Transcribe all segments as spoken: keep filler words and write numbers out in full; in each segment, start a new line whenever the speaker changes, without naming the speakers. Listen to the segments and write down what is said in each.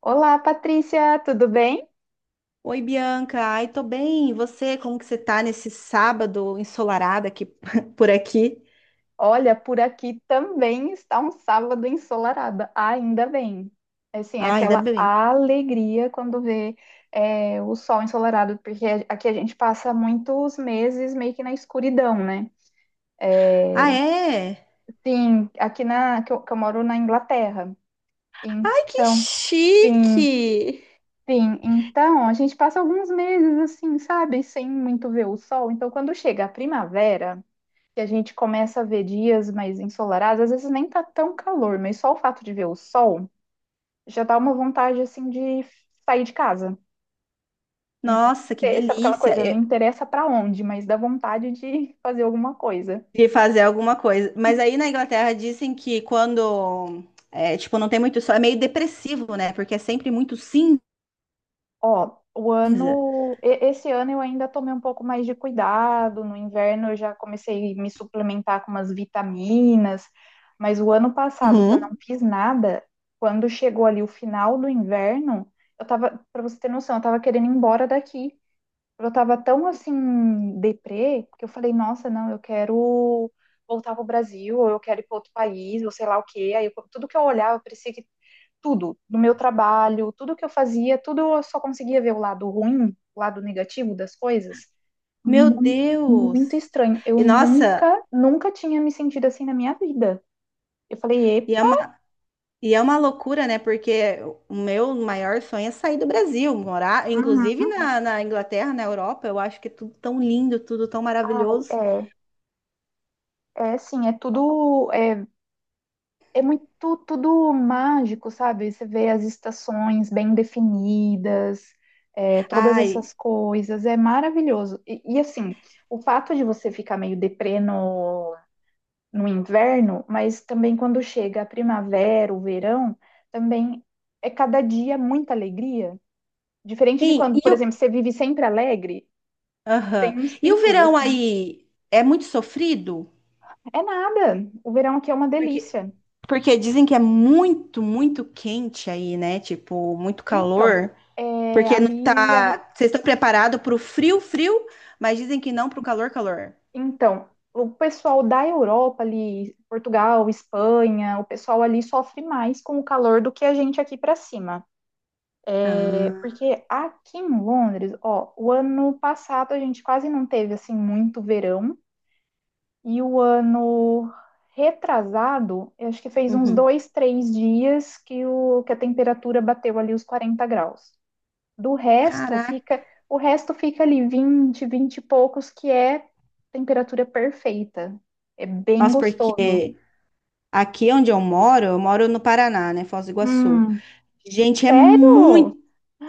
Olá, Patrícia, tudo bem?
Oi, Bianca. Ai, tô bem. E você, como que você tá nesse sábado ensolarado aqui por aqui?
Olha, por aqui também está um sábado ensolarado, ainda bem. Assim,
Ah, ainda
aquela
bem.
alegria quando vê é, o sol ensolarado, porque aqui a gente passa muitos meses meio que na escuridão, né?
Ah, é?
Sim, aqui na, que eu, que eu moro na Inglaterra.
Ai, que
Então, sim,
chique!
sim. Então, a gente passa alguns meses assim, sabe, sem muito ver o sol. Então, quando chega a primavera que a gente começa a ver dias mais ensolarados, às vezes nem tá tão calor, mas só o fato de ver o sol já dá uma vontade assim de sair de casa. Não inter-
Nossa, que
Sabe aquela
delícia!
coisa? Não
Eu
interessa pra onde, mas dá vontade de fazer alguma coisa.
queria fazer alguma coisa. Mas aí na Inglaterra dizem que quando, é, tipo, não tem muito sol, é meio depressivo, né? Porque é sempre muito cinza.
Ó, o ano, e- Esse ano eu ainda tomei um pouco mais de cuidado. No inverno eu já comecei a me suplementar com umas vitaminas, mas o ano passado que eu não
Uhum.
fiz nada, quando chegou ali o final do inverno, eu tava, para você ter noção, eu tava querendo ir embora daqui. Eu tava tão assim deprê que eu falei, nossa, não, eu quero voltar pro Brasil, ou eu quero ir para outro país, ou sei lá o quê. Aí eu- tudo que eu olhava parecia que tudo, do meu trabalho, tudo que eu fazia, tudo eu só conseguia ver o lado ruim, o lado negativo das coisas.
Meu
Muito,
Deus!
muito estranho. Eu
E nossa,
nunca, nunca tinha me sentido assim na minha vida. Eu falei,
e é
epa.
uma E é uma loucura, né? Porque o meu maior sonho é sair do Brasil, morar, inclusive
Uhum.
na, na Inglaterra, na Europa. Eu acho que é tudo tão lindo, tudo tão maravilhoso.
é, É assim, é tudo, é, é muito, tudo mágico, sabe? Você vê as estações bem definidas, é, todas
Ai,
essas coisas, é maravilhoso. E, e, assim, o fato de você ficar meio deprê no no inverno, mas também quando chega a primavera, o verão, também é cada dia muita alegria. Diferente de
hein,
quando,
e,
por exemplo,
o,
você vive sempre alegre,
aham.
tem uns
E o
picos
verão
assim.
aí é muito sofrido?
É nada. O verão aqui é uma
Porque,
delícia.
porque dizem que é muito, muito quente aí, né? Tipo, muito
Então,
calor.
é,
Porque não
ali, a-
tá. Vocês estão preparados para o frio, frio, mas dizem que não para o calor, calor.
então, o pessoal da Europa ali, Portugal, Espanha, o pessoal ali sofre mais com o calor do que a gente aqui para cima.
Ah,
Porque aqui em Londres, ó, o ano passado a gente quase não teve assim muito verão e o ano retrasado, eu acho que fez uns
uhum.
dois, três dias que, o, que a temperatura bateu ali os quarenta graus. Do resto
Caraca.
fica, o resto fica ali vinte, vinte e poucos, que é temperatura perfeita. É bem
Nossa, porque
gostoso.
aqui onde eu moro, eu moro no Paraná, né? Foz do Iguaçu.
Hum,
Gente, é
sério?
muito,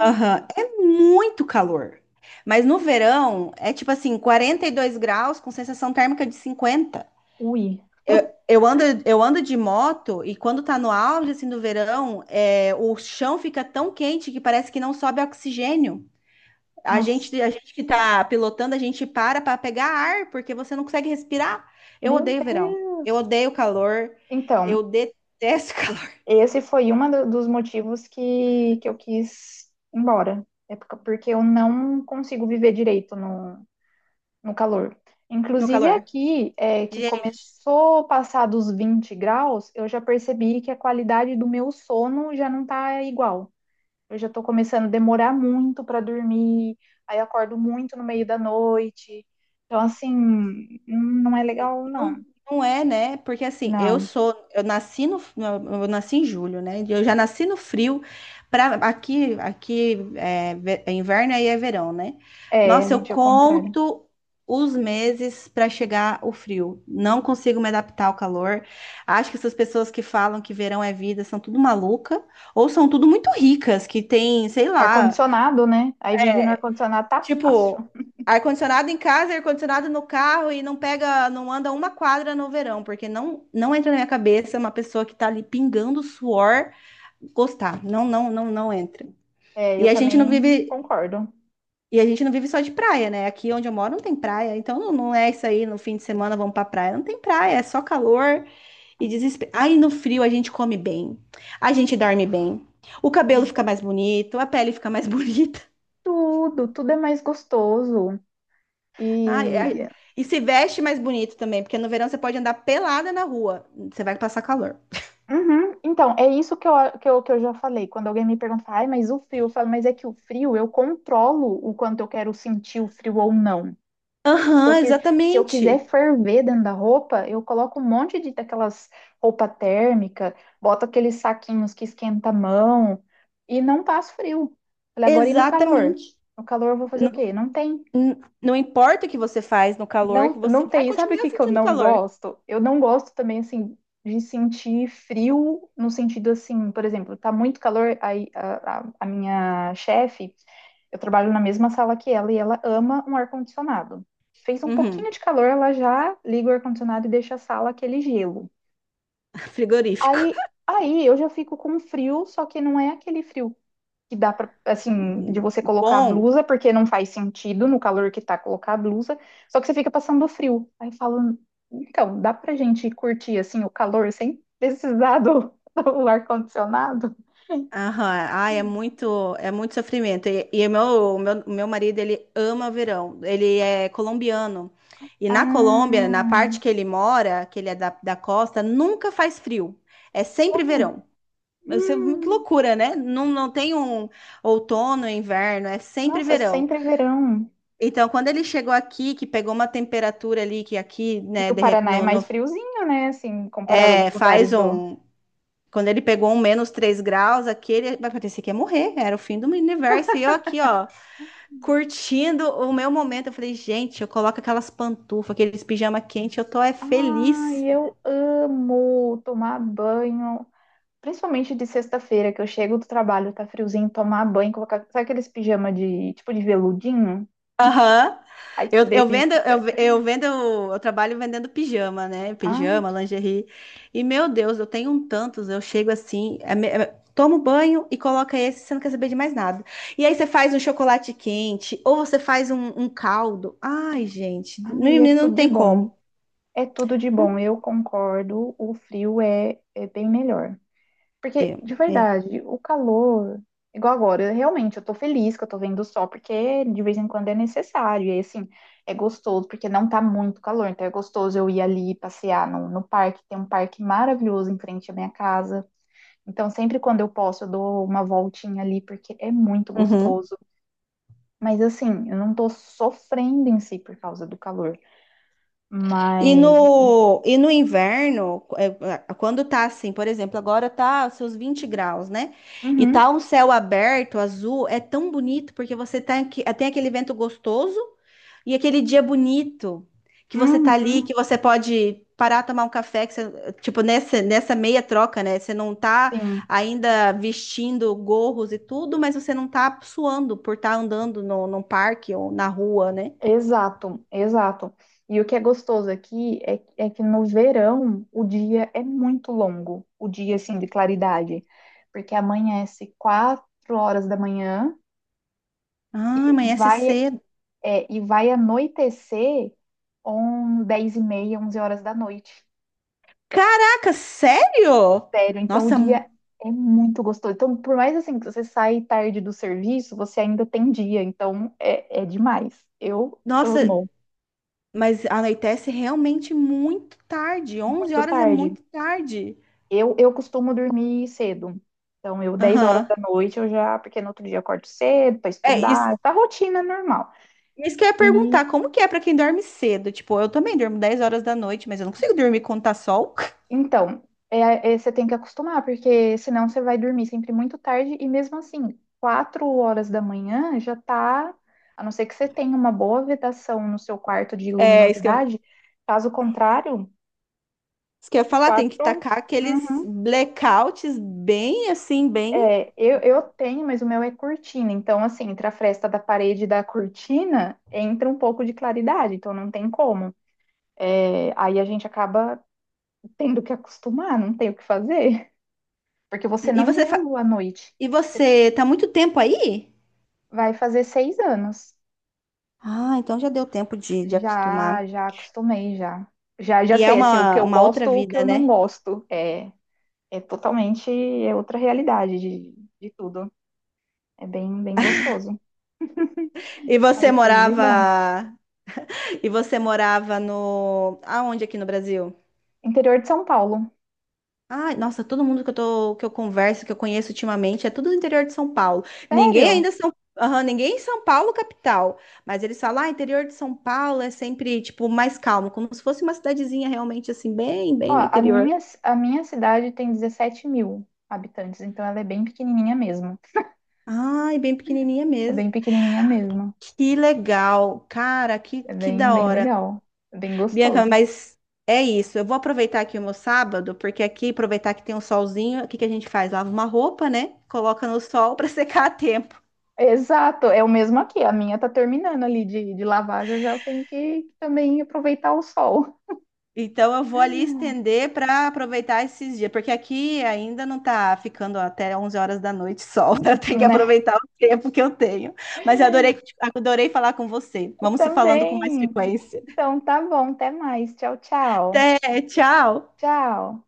aham, é muito calor. Mas no verão é tipo assim, quarenta e dois graus com sensação térmica de cinquenta.
Ui,
Eu, eu ando, eu ando de moto e quando tá no auge assim do verão, é, o chão fica tão quente que parece que não sobe oxigênio. A
nossa,
gente, a gente que tá pilotando, a gente para para pegar ar porque você não consegue respirar. Eu
meu
odeio verão. Eu
Deus.
odeio calor.
Então,
Eu detesto
esse foi um dos motivos que, que eu quis ir embora. É por- porque eu não consigo viver direito no, no calor.
no
Inclusive
calor.
aqui, é, que
Gente,
começou a passar dos vinte graus, eu já percebi que a qualidade do meu sono já não tá igual. Eu já tô começando a demorar muito para dormir, aí eu acordo muito no meio da noite. Então, assim, não é legal,
não,
não.
não é, né? Porque assim, eu
Não.
sou, eu nasci no, eu nasci em julho, né? Eu já nasci no frio. Pra, aqui, aqui é, ve- é inverno aí é verão, né?
É,
Nossa, eu
gente, é o contrário.
conto os meses para chegar o frio. Não consigo me adaptar ao calor. Acho que essas pessoas que falam que verão é vida são tudo maluca ou são tudo muito ricas que tem, sei lá.
Ar-condicionado, né? Aí vive no
É,
ar-condicionado tá fácil.
tipo, ar-condicionado em casa, ar-condicionado no carro e não pega, não anda uma quadra no verão, porque não, não entra na minha cabeça uma pessoa que tá ali pingando suor gostar. Não, não, não, não entra.
É,
E
eu
a gente não
também
vive,
concordo.
e a gente não vive só de praia, né? Aqui onde eu moro não tem praia, então não, não é isso aí, no fim de semana vamos pra praia. Não tem praia, é só calor e desespero. Aí no frio a gente come bem, a gente dorme bem. O cabelo
Ai.
fica mais bonito, a pele fica mais bonita.
Tudo, tudo é mais gostoso.
Ah, é-
E.
é- e se veste mais bonito também, porque no verão você pode andar pelada na rua, você vai passar calor.
Uhum. Então, é isso que eu, que eu, que eu já falei. Quando alguém me pergunta, ai, mas o frio, eu falo, mas é que o frio eu controlo o quanto eu quero sentir o frio ou não. Se
Aham,
eu que- se eu quiser
exatamente.
ferver dentro da roupa, eu coloco um monte de daquelas roupa térmica, boto aqueles saquinhos que esquenta a mão e não passo frio. Falei, agora e no calor?
Exatamente.
No calor eu vou fazer o
Não,
quê? Não tem.
n- não importa o que você faz no calor, que
Não,
você
não
vai
tem. Sabe o
continuar
que que eu
sentindo
não
calor.
gosto? Eu não gosto também, assim, de sentir frio, no sentido assim, por exemplo, tá muito calor, aí a, a- a minha chefe, eu trabalho na mesma sala que ela e ela ama um ar-condicionado. Fez um pouquinho
Uhum.
de calor, ela já liga o ar-condicionado e deixa a sala aquele gelo.
Frigorífico.
Aí, aí eu já fico com frio, só que não é aquele frio que dá para assim, de você colocar a
Bom.
blusa, porque não faz sentido no calor que tá colocar a blusa, só que você fica passando frio. Aí falam, então, dá pra gente curtir assim o calor sem precisar do, do ar-condicionado?
Aham, ai, é muito, é muito sofrimento. E, e o meu, o meu, o meu marido, ele ama o verão. Ele é colombiano. E na Colômbia, na parte
Ah,
que ele mora, que ele é da, da costa, nunca faz frio. É
ué,
sempre verão. Isso é uma- que
hum,
loucura, né? Não, não tem um outono, inverno, é sempre
nossa, é
verão.
sempre verão.
Então, quando ele chegou aqui, que pegou uma temperatura ali, que aqui,
E
né,
o
de rep-
Paraná é
no,
mais
no-
friozinho, né? Assim, comparado a alguns
É,
lugares
faz
do.
um, quando ele pegou um menos três graus, aqui ele vai parecer que ia morrer, era o fim do universo. E eu aqui, ó, curtindo o meu momento. Eu falei, gente, eu coloco aquelas pantufas, aqueles pijama quente, eu tô é
Ah,
feliz.
e eu amo tomar banho, principalmente de sexta-feira, que eu chego do trabalho, tá friozinho, tomar banho, colocar. Sabe aqueles pijama de tipo de veludinho?
Aham.
Ai, que
Eu, eu
delícia.
vendo, eu, ve- eu vendo, eu trabalho vendendo pijama, né?
Ai,
Pijama,
que...
lingerie. E meu Deus, eu tenho um tantos, eu chego assim, é me- é- tomo banho e coloca esse, você não quer saber de mais nada. E aí você faz um chocolate quente, ou você faz um, um caldo. Ai, gente,
Ai, é
menino, não
tudo de
tem
bom.
como.
É tudo de bom. Eu concordo, o frio é, é bem melhor.
É,
Porque, de
é.
verdade, o calor, igual agora, eu- realmente eu tô feliz que eu tô vendo o sol, porque de vez em quando é necessário. E aí, assim, é gostoso, porque não tá muito calor, então é gostoso eu ir ali passear no, no parque. Tem um parque maravilhoso em frente à minha casa. Então, sempre quando eu posso, eu dou uma voltinha ali, porque é muito
Uhum.
gostoso. Mas, assim, eu não tô sofrendo em si por causa do calor.
E
Mas.
no, e no inverno, é, é, quando tá assim, por exemplo, agora tá seus vinte graus, né? E
Uhum,
tá um céu aberto, azul, é tão bonito porque você tá, aqui- eh, tem aquele vento gostoso e aquele dia bonito que você tá ali,
uhum,
que você pode parar, tomar um café, que você- tipo, nessa, nessa meia troca, né? Você não tá
sim,
ainda vestindo gorros e tudo, mas você não tá suando por estar andando no, num parque ou na rua, né?
exato, exato. E o que é gostoso aqui é, é que no verão o dia é muito longo, o dia, assim, de claridade. Porque amanhece quatro horas da manhã
Ah,
e
amanhece
vai,
cedo.
é, e vai anoitecer. Um, dez e meia, onze horas da noite.
Caraca, sério?
Sério. Então o
Nossa, mu-
dia é muito gostoso. Então, por mais assim que você sai tarde do serviço, você ainda tem dia. Então é, é demais. Eu
nossa,
amo
mas anoitece realmente muito tarde. Onze
muito
horas é
tarde.
muito tarde.
Eu, eu costumo dormir cedo. Então, eu dez horas
Aham.
da noite eu já, porque no outro dia eu acordo cedo para
É isso,
estudar, tá rotina normal.
isso que eu ia
E.
perguntar, como que é pra quem dorme cedo? Tipo, eu também durmo dez horas da noite, mas eu não consigo dormir quando tá sol.
Então, é- é- você tem que acostumar, porque senão você vai dormir sempre muito tarde e mesmo assim, quatro horas da manhã já tá, a não ser que você tenha uma boa vedação no seu quarto de
É, isso que eu,
luminosidade, caso contrário,
isso que eu ia falar, tem que
quatro.
tacar aqueles
Uhum.
blackouts bem assim, bem.
É, eu, eu tenho, mas o meu é cortina. Então, assim, entre a fresta da parede e da cortina, entra um pouco de claridade, então não tem como. É, aí a gente acaba tendo que acostumar, não tem o que fazer, porque você
E
não vê
você,
a
fa-
lua à noite.
e você tá muito tempo aí?
Vai fazer seis anos.
Ah, então já deu tempo de, de acostumar.
Já, já acostumei, já. Já, já
E é
sei, assim, o que
uma,
eu
uma
gosto,
outra
o que
vida,
eu não
né?
gosto. É, é totalmente, é outra realidade de, de tudo. É bem, bem gostoso.
E
Aí
você
tudo de bom.
morava. E você morava no. Aonde aqui no Brasil?
Interior de São Paulo.
Ai, nossa, todo mundo que eu tô, que eu converso, que eu conheço ultimamente, é tudo do interior de São Paulo. Ninguém
Sério?
ainda São, aham, ninguém em São Paulo capital, mas eles falam, ah, interior de São Paulo é sempre tipo mais calmo, como se fosse uma cidadezinha realmente assim, bem,
Ó,
bem no
a
interior.
minha, a minha cidade tem 17 mil habitantes, então ela é bem pequenininha mesmo.
Ai, bem pequenininha
É
mesmo.
bem pequenininha mesmo.
Que legal, cara, que
É
que
bem,
da
bem
hora.
legal. É bem
Bianca,
gostoso.
mas é isso. Eu vou aproveitar aqui o meu sábado, porque aqui, aproveitar que tem um solzinho, o que que a gente faz? Lava uma roupa, né? Coloca no sol para secar a tempo.
Exato, é o mesmo aqui. A minha tá terminando ali de, de lavar, já já eu tenho que também aproveitar o sol,
Então eu vou ali estender para aproveitar esses dias, porque aqui ainda não tá ficando até onze horas da noite sol. Eu tenho que
né?
aproveitar o tempo que eu tenho. Mas eu adorei, adorei falar com você.
Eu
Vamos se falando com mais
também.
frequência.
Então tá bom, até mais. Tchau, tchau.
Até, tchau.
Tchau.